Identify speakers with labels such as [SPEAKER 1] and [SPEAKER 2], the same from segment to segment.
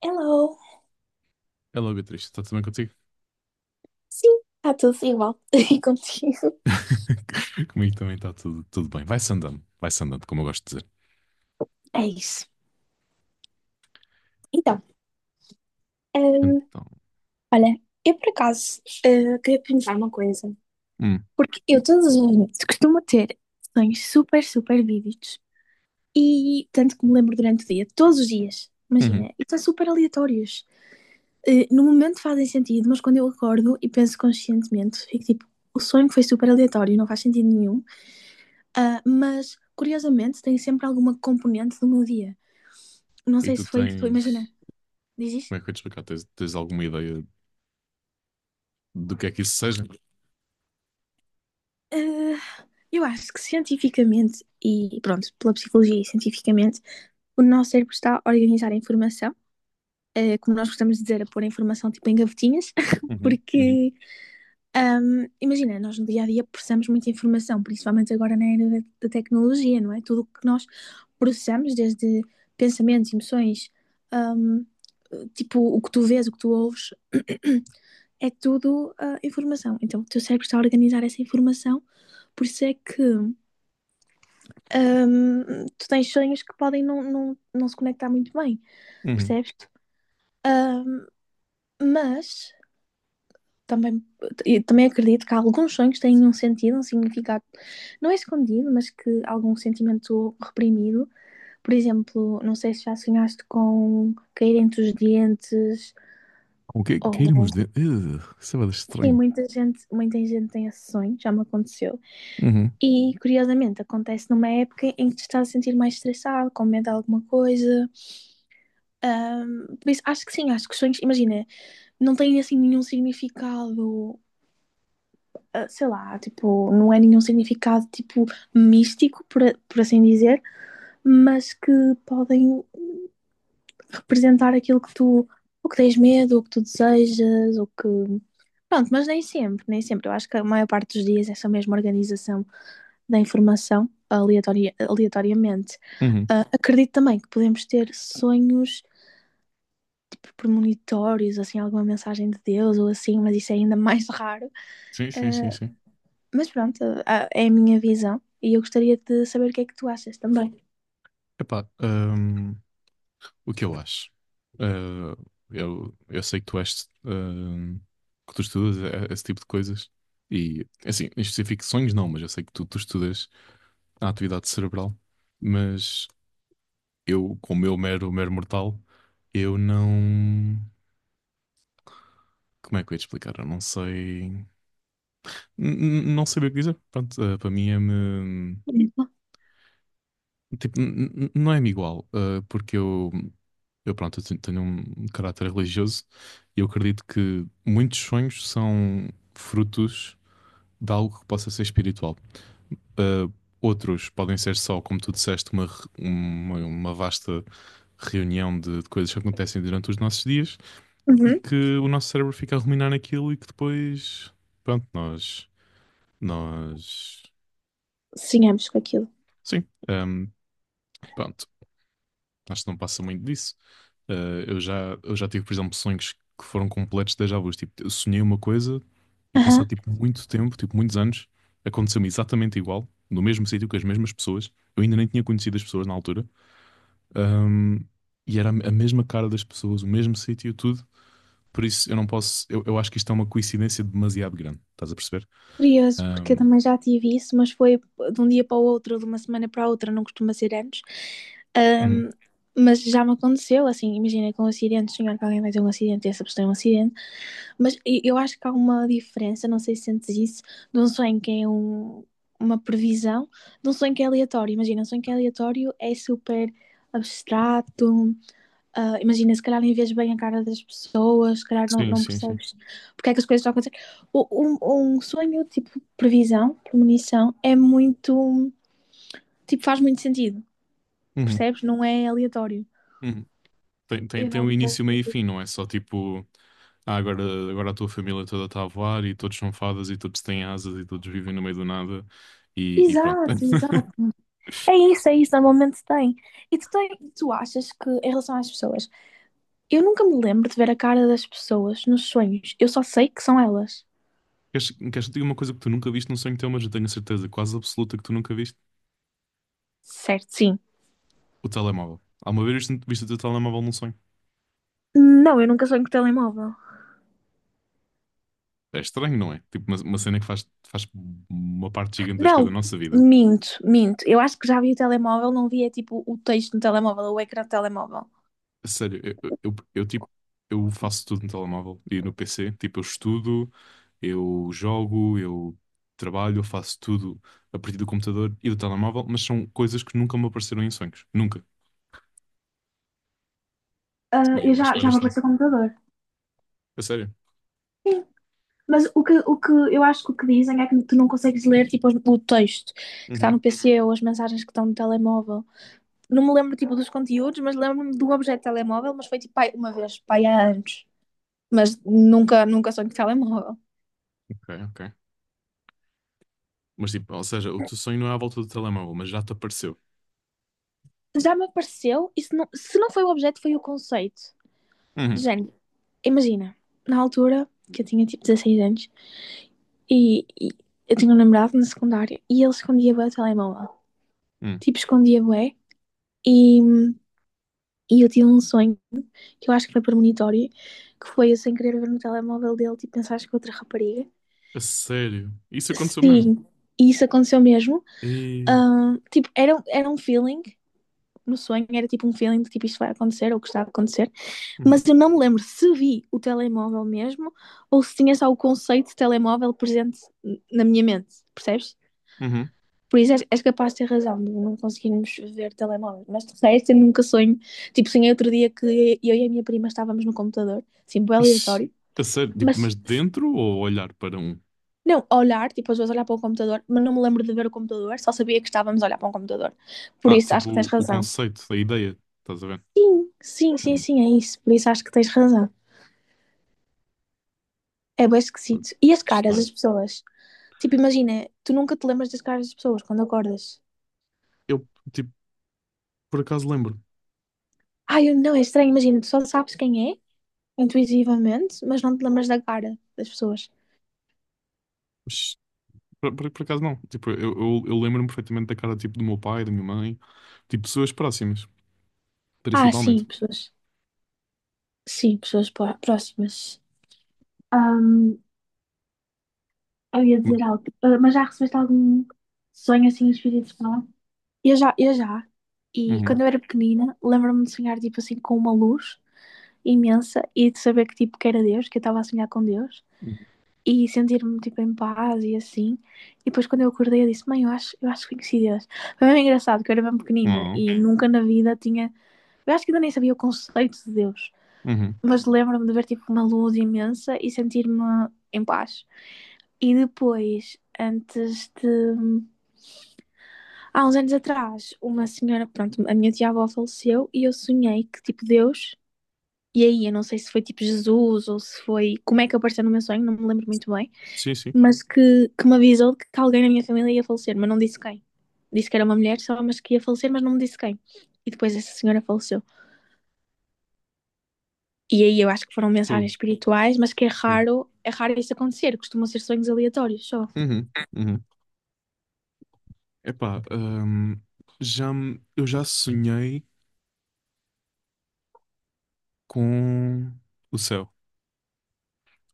[SPEAKER 1] Hello!
[SPEAKER 2] É logo triste. Está tudo bem contigo?
[SPEAKER 1] Sim, está tudo igual. E contigo?
[SPEAKER 2] Comigo também está tudo bem. Vai-se andando, como eu gosto de dizer.
[SPEAKER 1] É isso. Então, hum,
[SPEAKER 2] Então,
[SPEAKER 1] olha, eu por acaso queria perguntar uma coisa.
[SPEAKER 2] hum,
[SPEAKER 1] Porque eu todos os noites costumo ter sonhos super, super vívidos. E tanto que me lembro durante o dia, todos os dias. Imagina,
[SPEAKER 2] uhum.
[SPEAKER 1] e são super aleatórios. No momento fazem sentido, mas quando eu acordo e penso conscientemente, fico tipo, o sonho foi super aleatório, não faz sentido nenhum. Ah, mas, curiosamente, tem sempre alguma componente do meu dia. Não
[SPEAKER 2] E
[SPEAKER 1] sei
[SPEAKER 2] tu
[SPEAKER 1] se foi, tipo, imagina.
[SPEAKER 2] tens,
[SPEAKER 1] Diz isto?
[SPEAKER 2] como é que eu ia te explicar? Tens alguma ideia do que é que isso seja?
[SPEAKER 1] Ah, eu acho que cientificamente, e pronto, pela psicologia e cientificamente, o nosso cérebro está a organizar a informação, como nós gostamos de dizer, a pôr a informação tipo em gavetinhas,
[SPEAKER 2] Uhum, uhum,
[SPEAKER 1] porque imagina, nós no dia a dia processamos muita informação, principalmente agora na era da tecnologia, não é? Tudo o que nós processamos, desde pensamentos, emoções, ahm, tipo o que tu vês, o que tu ouves, é tudo informação. Então o teu cérebro está a organizar essa informação, por isso é que tu tens sonhos que podem não se conectar muito bem,
[SPEAKER 2] uhum.
[SPEAKER 1] percebes? Ahm, mas também, e também acredito que alguns sonhos têm um sentido, um significado, não é escondido, mas que algum sentimento reprimido. Por exemplo, não sei se já sonhaste com cair entre os dentes,
[SPEAKER 2] Com que,
[SPEAKER 1] ou.
[SPEAKER 2] cairmos de... isso é bué
[SPEAKER 1] Sim,
[SPEAKER 2] estranho.
[SPEAKER 1] muita gente tem esse sonho, já me aconteceu.
[SPEAKER 2] Uhum,
[SPEAKER 1] E curiosamente acontece numa época em que te estás a sentir mais estressado, com medo de alguma coisa. Por isso, acho que sim, acho que os sonhos, imagina, não têm assim nenhum significado sei lá, tipo, não é nenhum significado tipo místico, por assim dizer, mas que podem representar aquilo que tu, o que tens medo, o que tu desejas, o que. Pronto, mas nem sempre, nem sempre. Eu acho que a maior parte dos dias é essa mesma organização da informação aleatoria, aleatoriamente.
[SPEAKER 2] uhum.
[SPEAKER 1] Ah, acredito também que podemos ter sonhos premonitórios, assim, alguma mensagem de Deus ou assim, mas isso é ainda mais raro.
[SPEAKER 2] Sim, sim, sim,
[SPEAKER 1] Ah,
[SPEAKER 2] sim.
[SPEAKER 1] mas pronto, é a minha visão e eu gostaria de saber o que é que tu achas também.
[SPEAKER 2] Epá, o que eu acho? Uh, eu sei que tu és que tu estudas esse tipo de coisas. E, assim, em específico, sonhos não, mas eu sei que tu estudas à atividade cerebral, mas eu, como eu mero, mero mortal, eu não. Como é que eu ia te explicar? Eu não sei. Não sei bem o que dizer. Pronto, para mim é-me. Tipo, não é-me igual, porque eu. Eu, pronto, eu tenho um caráter religioso e eu acredito que muitos sonhos são frutos de algo que possa ser espiritual. Eh, outros podem ser só, como tu disseste, uma vasta reunião de coisas que acontecem durante os nossos dias e
[SPEAKER 1] Uhum.
[SPEAKER 2] que o nosso cérebro fica a ruminar naquilo e que depois, pronto, nós,
[SPEAKER 1] Sigamos com aquilo.
[SPEAKER 2] sim, pronto, acho que não passa muito disso. Eu já tive, por exemplo, sonhos que foram completos déjà vus, tipo, eu sonhei uma coisa e
[SPEAKER 1] Aham.
[SPEAKER 2] passado, tipo, muito tempo, tipo, muitos anos, aconteceu-me exatamente igual, no mesmo sítio, com as mesmas pessoas, eu ainda nem tinha conhecido as pessoas na altura. Ahm, e era a mesma cara das pessoas, o mesmo sítio, tudo. Por isso eu não posso. Eu acho que isto é uma coincidência demasiado grande. Estás a perceber?
[SPEAKER 1] Curioso, porque eu
[SPEAKER 2] Ahm,
[SPEAKER 1] também já tive isso, mas foi de um dia para o outro, de uma semana para a outra, não costuma ser antes.
[SPEAKER 2] uhum.
[SPEAKER 1] Ahm, mas já me aconteceu, assim, imagina com um acidente, sonhar que alguém vai ter um acidente e essa pessoa tem um acidente. Mas eu acho que há uma diferença, não sei se sentes isso, de um sonho que é uma previsão, de um sonho que é aleatório. Imagina, um sonho que é aleatório é super abstrato, Ah, imagina, se calhar nem vês bem a cara das pessoas, se calhar não,
[SPEAKER 2] Sim,
[SPEAKER 1] não
[SPEAKER 2] sim, sim.
[SPEAKER 1] percebes porque é que as coisas estão a acontecer. O- um sonho, tipo, previsão, premonição, é muito, tipo, faz muito sentido,
[SPEAKER 2] Uhum,
[SPEAKER 1] percebes? Não é aleatório.
[SPEAKER 2] uhum. Tem, tem,
[SPEAKER 1] Eu
[SPEAKER 2] tem
[SPEAKER 1] não
[SPEAKER 2] um
[SPEAKER 1] te gosto
[SPEAKER 2] início, meio e
[SPEAKER 1] dizer.
[SPEAKER 2] fim, não é só tipo. Ah, agora a tua família toda está a voar e todos são fadas e todos têm asas e todos vivem no meio do nada e pronto.
[SPEAKER 1] Exato, exato. É isso, normalmente tem. E tu, tem, Tu achas que, em relação às pessoas, eu nunca me lembro de ver a cara das pessoas nos sonhos, eu só sei que são elas.
[SPEAKER 2] Queres que te diga uma coisa que tu nunca viste num sonho teu, mas eu tenho a certeza quase absoluta que tu nunca viste?
[SPEAKER 1] Certo, sim.
[SPEAKER 2] O telemóvel. Alguma vez viste o teu telemóvel num sonho?
[SPEAKER 1] Não, eu nunca sonho com o telemóvel.
[SPEAKER 2] É estranho, não é? Tipo, uma cena que faz uma parte gigantesca da
[SPEAKER 1] Não,
[SPEAKER 2] nossa vida.
[SPEAKER 1] minto, minto. Eu acho que já vi o telemóvel, não via tipo o texto no telemóvel, o ecrã do telemóvel.
[SPEAKER 2] A sério, tipo, eu faço tudo no telemóvel e no PC. Tipo, eu estudo, eu jogo, eu trabalho, eu faço tudo a partir do computador e do telemóvel, mas são coisas que nunca me apareceram em sonhos. Nunca.
[SPEAKER 1] Ah,
[SPEAKER 2] E
[SPEAKER 1] eu
[SPEAKER 2] eu acho
[SPEAKER 1] já,
[SPEAKER 2] bué de
[SPEAKER 1] já me
[SPEAKER 2] estranho.
[SPEAKER 1] apareceu o computador.
[SPEAKER 2] A sério.
[SPEAKER 1] Sim. Mas o que eu acho que o que dizem é que tu não consegues ler tipo, o texto que está no
[SPEAKER 2] Uhum.
[SPEAKER 1] PC ou as mensagens que estão no telemóvel. Não me lembro tipo dos conteúdos, mas lembro-me do objeto de telemóvel, mas foi tipo pai, uma vez, pai há anos. Mas nunca, nunca sonho de telemóvel.
[SPEAKER 2] Ok, ok. Mas tipo, ou seja, o teu sonho não é à volta do telemóvel, mas já te apareceu.
[SPEAKER 1] Já me apareceu, e se não foi o objeto, foi o conceito. De
[SPEAKER 2] Uhum.
[SPEAKER 1] género, imagina, na altura, que eu tinha tipo 16 anos, e eu tinha um namorado na secundária, e ele escondia bem o telemóvel.
[SPEAKER 2] Uhum.
[SPEAKER 1] Tipo, escondia bem, e, e eu tive um sonho, que eu acho que foi premonitório, que foi eu sem querer ver no telemóvel dele, tipo, pensaste que outra rapariga.
[SPEAKER 2] A sério. Isso aconteceu mesmo.
[SPEAKER 1] Sim, e isso aconteceu mesmo.
[SPEAKER 2] E...
[SPEAKER 1] Tipo, era um feeling no sonho, era tipo um feeling de tipo isto vai acontecer ou que está a acontecer,
[SPEAKER 2] Uhum.
[SPEAKER 1] mas eu não me lembro se vi o telemóvel mesmo ou se tinha só o conceito de telemóvel presente na minha mente, percebes?
[SPEAKER 2] Uhum.
[SPEAKER 1] Por isso és capaz de ter razão de não conseguirmos ver telemóvel, mas de resto eu nunca sonho. Tipo, sonhei outro dia que eu e a minha prima estávamos no computador, assim, bem
[SPEAKER 2] Ixi,
[SPEAKER 1] aleatório,
[SPEAKER 2] a sério, tipo,
[SPEAKER 1] mas.
[SPEAKER 2] mas de dentro ou olhar para um?
[SPEAKER 1] Não, olhar, tipo, às vezes olhar para o computador, mas não me lembro de ver o computador, só sabia que estávamos a olhar para um computador. Por
[SPEAKER 2] Ah,
[SPEAKER 1] isso, acho que tens
[SPEAKER 2] tipo, o
[SPEAKER 1] razão.
[SPEAKER 2] conceito, a ideia, estás a ver?
[SPEAKER 1] Sim, sim, sim,
[SPEAKER 2] Hum,
[SPEAKER 1] sim, é isso. Por isso acho que tens razão. É bem esquisito. E as
[SPEAKER 2] que
[SPEAKER 1] caras
[SPEAKER 2] estranho.
[SPEAKER 1] das pessoas? Tipo, imagina, tu nunca te lembras das caras das pessoas quando acordas.
[SPEAKER 2] Eu, tipo, por acaso lembro.
[SPEAKER 1] Ai, não, é estranho, imagina, tu só sabes quem é, intuitivamente, mas não te lembras da cara das pessoas.
[SPEAKER 2] Mas, por acaso não. Tipo, eu lembro-me perfeitamente da cara, tipo, do meu pai, da minha mãe. Tipo, pessoas próximas,
[SPEAKER 1] Ah, sim,
[SPEAKER 2] principalmente.
[SPEAKER 1] pessoas. Sim, pessoas próximas. Ahm, eu ia
[SPEAKER 2] Uhum.
[SPEAKER 1] dizer algo, Ah, mas já recebeste algum sonho assim espírito falar? Eu já, eu já. E
[SPEAKER 2] Uhum.
[SPEAKER 1] quando eu era pequenina, lembro-me de sonhar, tipo assim, com uma luz imensa e de saber que tipo que era Deus, que eu estava a sonhar com Deus
[SPEAKER 2] Uhum.
[SPEAKER 1] e sentir-me tipo em paz e assim. E depois quando eu acordei eu disse, mãe, eu acho que conheci Deus. Foi bem engraçado que eu era bem pequenina
[SPEAKER 2] Ah,
[SPEAKER 1] e nunca na vida tinha, eu acho que ainda nem sabia o conceito de Deus,
[SPEAKER 2] uhum.
[SPEAKER 1] mas lembro-me de ver tipo uma luz imensa e sentir-me em paz. E depois, antes de. Há uns anos atrás, uma senhora, pronto, a minha tia-avó faleceu e eu sonhei que, tipo, Deus. E aí, eu não sei se foi tipo Jesus ou se foi. Como é que apareceu no meu sonho, não me lembro muito bem.
[SPEAKER 2] Sim, sim.
[SPEAKER 1] Mas que me avisou que alguém na minha família ia falecer, mas não disse quem. Disse que era uma mulher só, mas que ia falecer, mas não me disse quem. E depois essa senhora faleceu. E aí eu acho que foram
[SPEAKER 2] Fogo,
[SPEAKER 1] mensagens espirituais, mas que
[SPEAKER 2] fogo.
[SPEAKER 1] é raro isso acontecer. Costumam ser sonhos aleatórios só.
[SPEAKER 2] Uhum. Uhum. Epá, eu já sonhei com o céu.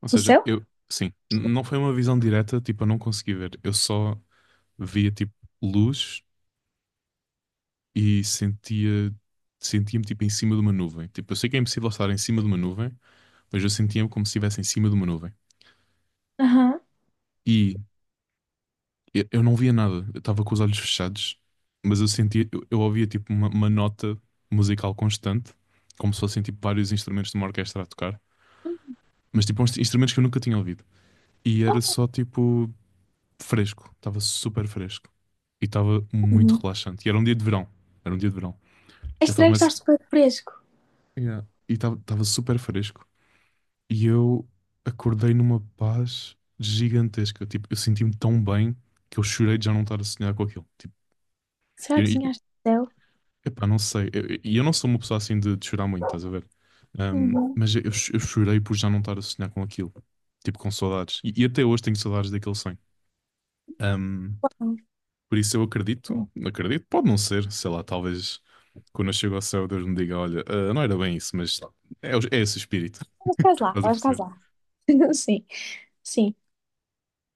[SPEAKER 2] Ou
[SPEAKER 1] O
[SPEAKER 2] seja,
[SPEAKER 1] céu?
[SPEAKER 2] eu, sim, não foi uma visão direta, tipo, eu não consegui ver. Eu só via, tipo, luz e sentia, sentia-me, tipo, em cima de uma nuvem. Tipo, eu sei que é impossível estar em cima de uma nuvem, mas eu sentia-me como se estivesse em cima de uma nuvem.
[SPEAKER 1] Aham.
[SPEAKER 2] E eu não via nada, eu estava com os olhos fechados, mas eu sentia, eu ouvia, tipo, uma nota musical constante, como se fossem, tipo, vários instrumentos de uma orquestra a tocar.
[SPEAKER 1] Uhum.
[SPEAKER 2] Mas, tipo, uns instrumentos que eu nunca tinha ouvido. E era só, tipo, fresco, estava super fresco e estava muito
[SPEAKER 1] Uhum.
[SPEAKER 2] relaxante. E era um dia de verão, era um dia de verão.
[SPEAKER 1] É
[SPEAKER 2] Eu estava
[SPEAKER 1] estranho que
[SPEAKER 2] mas
[SPEAKER 1] estás super fresco.
[SPEAKER 2] yeah, e estava super fresco e eu acordei numa paz gigantesca. Tipo, eu senti-me tão bem que eu chorei de já não estar a sonhar com aquilo. Tipo, e
[SPEAKER 1] Será
[SPEAKER 2] eu,
[SPEAKER 1] que
[SPEAKER 2] e-
[SPEAKER 1] sonhaste o céu?
[SPEAKER 2] epá, não sei. Eu, não sou uma pessoa assim de chorar muito, estás a ver? Um,
[SPEAKER 1] Uhum.
[SPEAKER 2] mas eu chorei por já não estar a sonhar com aquilo. Tipo, com saudades. E até hoje tenho saudades daquele sonho. Um,
[SPEAKER 1] Uau.
[SPEAKER 2] por isso eu acredito, acredito, pode não ser, sei lá, talvez quando eu chego ao céu Deus me diga, olha, ah, não era bem isso, mas é esse o espírito.
[SPEAKER 1] Estavas quase lá,
[SPEAKER 2] Estás a
[SPEAKER 1] estavas quase
[SPEAKER 2] perceber?
[SPEAKER 1] lá. Sim, sim.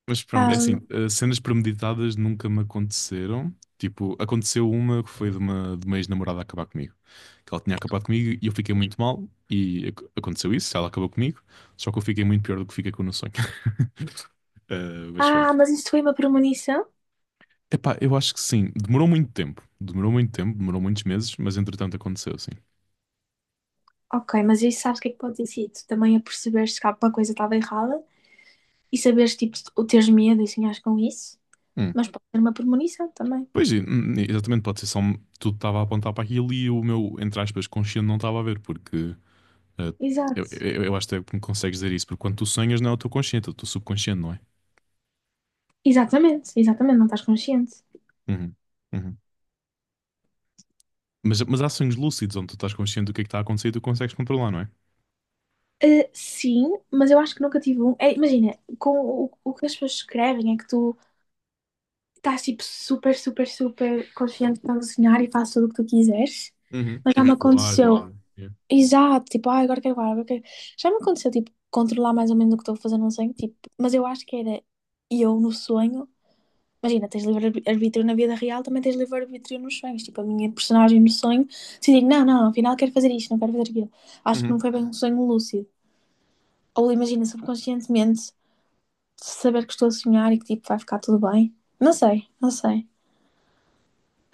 [SPEAKER 2] Mas pronto, é assim,
[SPEAKER 1] Ahm,
[SPEAKER 2] ah, cenas premeditadas nunca me aconteceram. Tipo, aconteceu uma que foi de de uma ex-namorada acabar comigo. Que ela tinha acabado comigo e eu fiquei muito mal e aconteceu isso, ela acabou comigo, só que eu fiquei muito pior do que fiquei com o sonho. Ah, mas
[SPEAKER 1] Ah,
[SPEAKER 2] pronto.
[SPEAKER 1] mas isso foi uma premonição?
[SPEAKER 2] Epá, eu acho que sim, demorou muito tempo, demorou muito tempo, demorou muitos meses, mas entretanto aconteceu, sim.
[SPEAKER 1] Ok, mas isso sabes o que é que pode ter sido? Também a perceberes que alguma coisa estava errada e saberes, tipo, o teres medo e sonhares com isso.
[SPEAKER 2] Hum.
[SPEAKER 1] Mas pode ser uma premonição também.
[SPEAKER 2] Pois, exatamente, pode ser só tudo estava a apontar para aquilo e o meu, entre aspas, consciente não estava a ver, porque eh, eu,
[SPEAKER 1] Exato.
[SPEAKER 2] eu, eu acho até que me consegues dizer isso, porque quando tu sonhas não é o teu consciente, é o teu subconsciente, não é?
[SPEAKER 1] Exatamente, exatamente, não estás consciente.
[SPEAKER 2] Uhum, uhum. Mas há sonhos lúcidos onde tu estás consciente do que é que está a acontecer e tu consegues controlar, não é?
[SPEAKER 1] Sim, mas eu acho que nunca tive um. É, imagina, com o que as pessoas escrevem é que tu estás, tipo, super, super, super confiante que estás a sonhar e fazes tudo o que tu quiseres.
[SPEAKER 2] Uhum.
[SPEAKER 1] Mas já me
[SPEAKER 2] Tipo voar
[SPEAKER 1] aconteceu
[SPEAKER 2] e yeah.
[SPEAKER 1] Exato, tipo, agora quero guardar, agora quero... Já me aconteceu, tipo, controlar mais ou menos o que estou a fazer num sonho, tipo, mas eu acho que era eu no sonho. Imagina, tens livre-arbítrio na vida real, também tens livre-arbítrio nos sonhos. Tipo, a minha personagem no sonho decidi, não, não, afinal quero fazer isto, não quero fazer aquilo. Acho que não
[SPEAKER 2] Uhum.
[SPEAKER 1] foi bem um sonho lúcido. Ou imagina, subconscientemente, saber que estou a sonhar e que, tipo, vai ficar tudo bem. Não sei, não sei.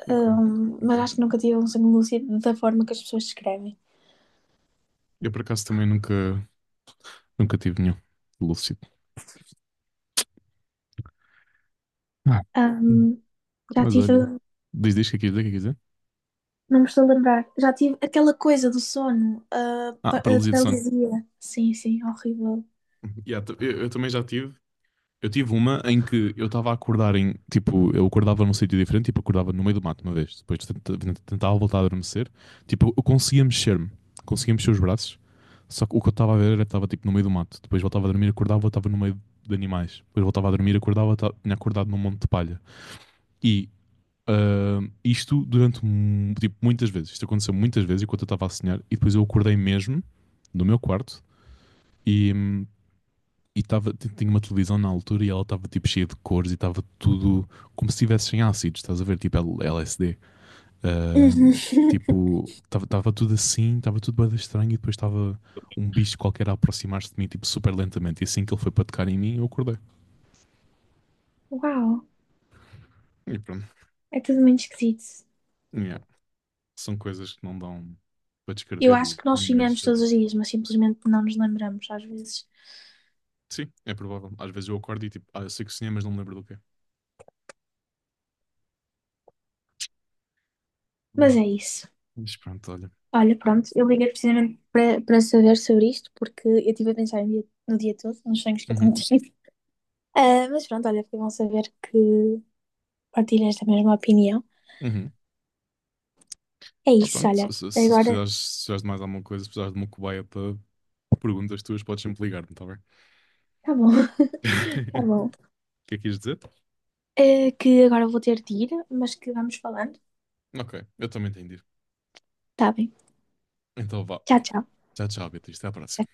[SPEAKER 2] Ok,
[SPEAKER 1] Mas
[SPEAKER 2] ok.
[SPEAKER 1] acho que nunca tive um sonho lúcido da forma que as pessoas descrevem.
[SPEAKER 2] Eu por acaso também nunca tive nenhum lúcido. Ah. Hum.
[SPEAKER 1] Ahm, Já
[SPEAKER 2] Mas olha,
[SPEAKER 1] tive.
[SPEAKER 2] diz o que é que quis dizer, o que é que quis dizer?
[SPEAKER 1] Não me estou a lembrar. Já tive aquela coisa do sono, a,
[SPEAKER 2] Ah,
[SPEAKER 1] pa- a
[SPEAKER 2] paralisia de sono.
[SPEAKER 1] paralisia. Sim, sim, horrível.
[SPEAKER 2] Yeah, eu também já tive. Eu tive uma em que eu estava a acordar em. Tipo, eu acordava num sítio diferente, tipo, acordava no meio do mato uma vez. Depois tentava voltar a adormecer. Tipo, eu conseguia mexer-me. Conseguia mexer os braços. Só que o que eu estava a ver era que estava tipo no meio do mato. Depois voltava a dormir, acordava, estava no meio de animais. Depois voltava a dormir, acordava, tinha acordado num monte de palha. E ah, isto durante tipo, muitas vezes. Isto aconteceu muitas vezes enquanto eu estava a sonhar. E depois eu acordei mesmo do meu quarto e tinha uma televisão na altura e ela estava tipo cheia de cores e estava tudo como se estivesse em ácidos, estás a ver? Tipo LSD. Ah,
[SPEAKER 1] Uhum.
[SPEAKER 2] tipo, estava tudo assim, estava tudo bem estranho e depois estava um bicho qualquer a aproximar-se de mim, tipo, super lentamente. E assim que ele foi para tocar em mim, eu acordei.
[SPEAKER 1] Uau,
[SPEAKER 2] E pronto.
[SPEAKER 1] é tudo muito esquisito.
[SPEAKER 2] Yeah. São coisas que não dão para
[SPEAKER 1] Eu
[SPEAKER 2] descrever
[SPEAKER 1] acho
[SPEAKER 2] e
[SPEAKER 1] que nós
[SPEAKER 2] muito menos
[SPEAKER 1] sonhamos todos
[SPEAKER 2] saber.
[SPEAKER 1] os dias, mas simplesmente não nos lembramos às vezes.
[SPEAKER 2] Sim, é provável. Às vezes eu acordo e tipo, ah, eu sei que sonhei, mas não me lembro do quê.
[SPEAKER 1] Mas
[SPEAKER 2] Olha,
[SPEAKER 1] é isso.
[SPEAKER 2] mas pronto, olha.
[SPEAKER 1] Olha, pronto, eu liguei precisamente para saber sobre isto, porque eu estive a pensar no dia, no dia todo, nos sonhos que eu tenho
[SPEAKER 2] Uhum,
[SPEAKER 1] tido. Ah, mas pronto, olha, foi bom saber que partilhas da mesma opinião.
[SPEAKER 2] uhum.
[SPEAKER 1] É
[SPEAKER 2] Pá,
[SPEAKER 1] isso,
[SPEAKER 2] pronto,
[SPEAKER 1] olha.
[SPEAKER 2] se
[SPEAKER 1] Agora,
[SPEAKER 2] precisares, se precisares de mais alguma coisa, se precisares de uma cobaia para perguntas tuas, podes sempre ligar-me, está bem?
[SPEAKER 1] tá bom, tá bom.
[SPEAKER 2] O que é que quis dizer?
[SPEAKER 1] Que agora vou ter de ir, mas que vamos falando.
[SPEAKER 2] Ok, eu também entendi.
[SPEAKER 1] Tá bem.
[SPEAKER 2] Então vá.
[SPEAKER 1] Tchau, tchau.
[SPEAKER 2] Tchau, tchau, Beatriz. Até à próxima.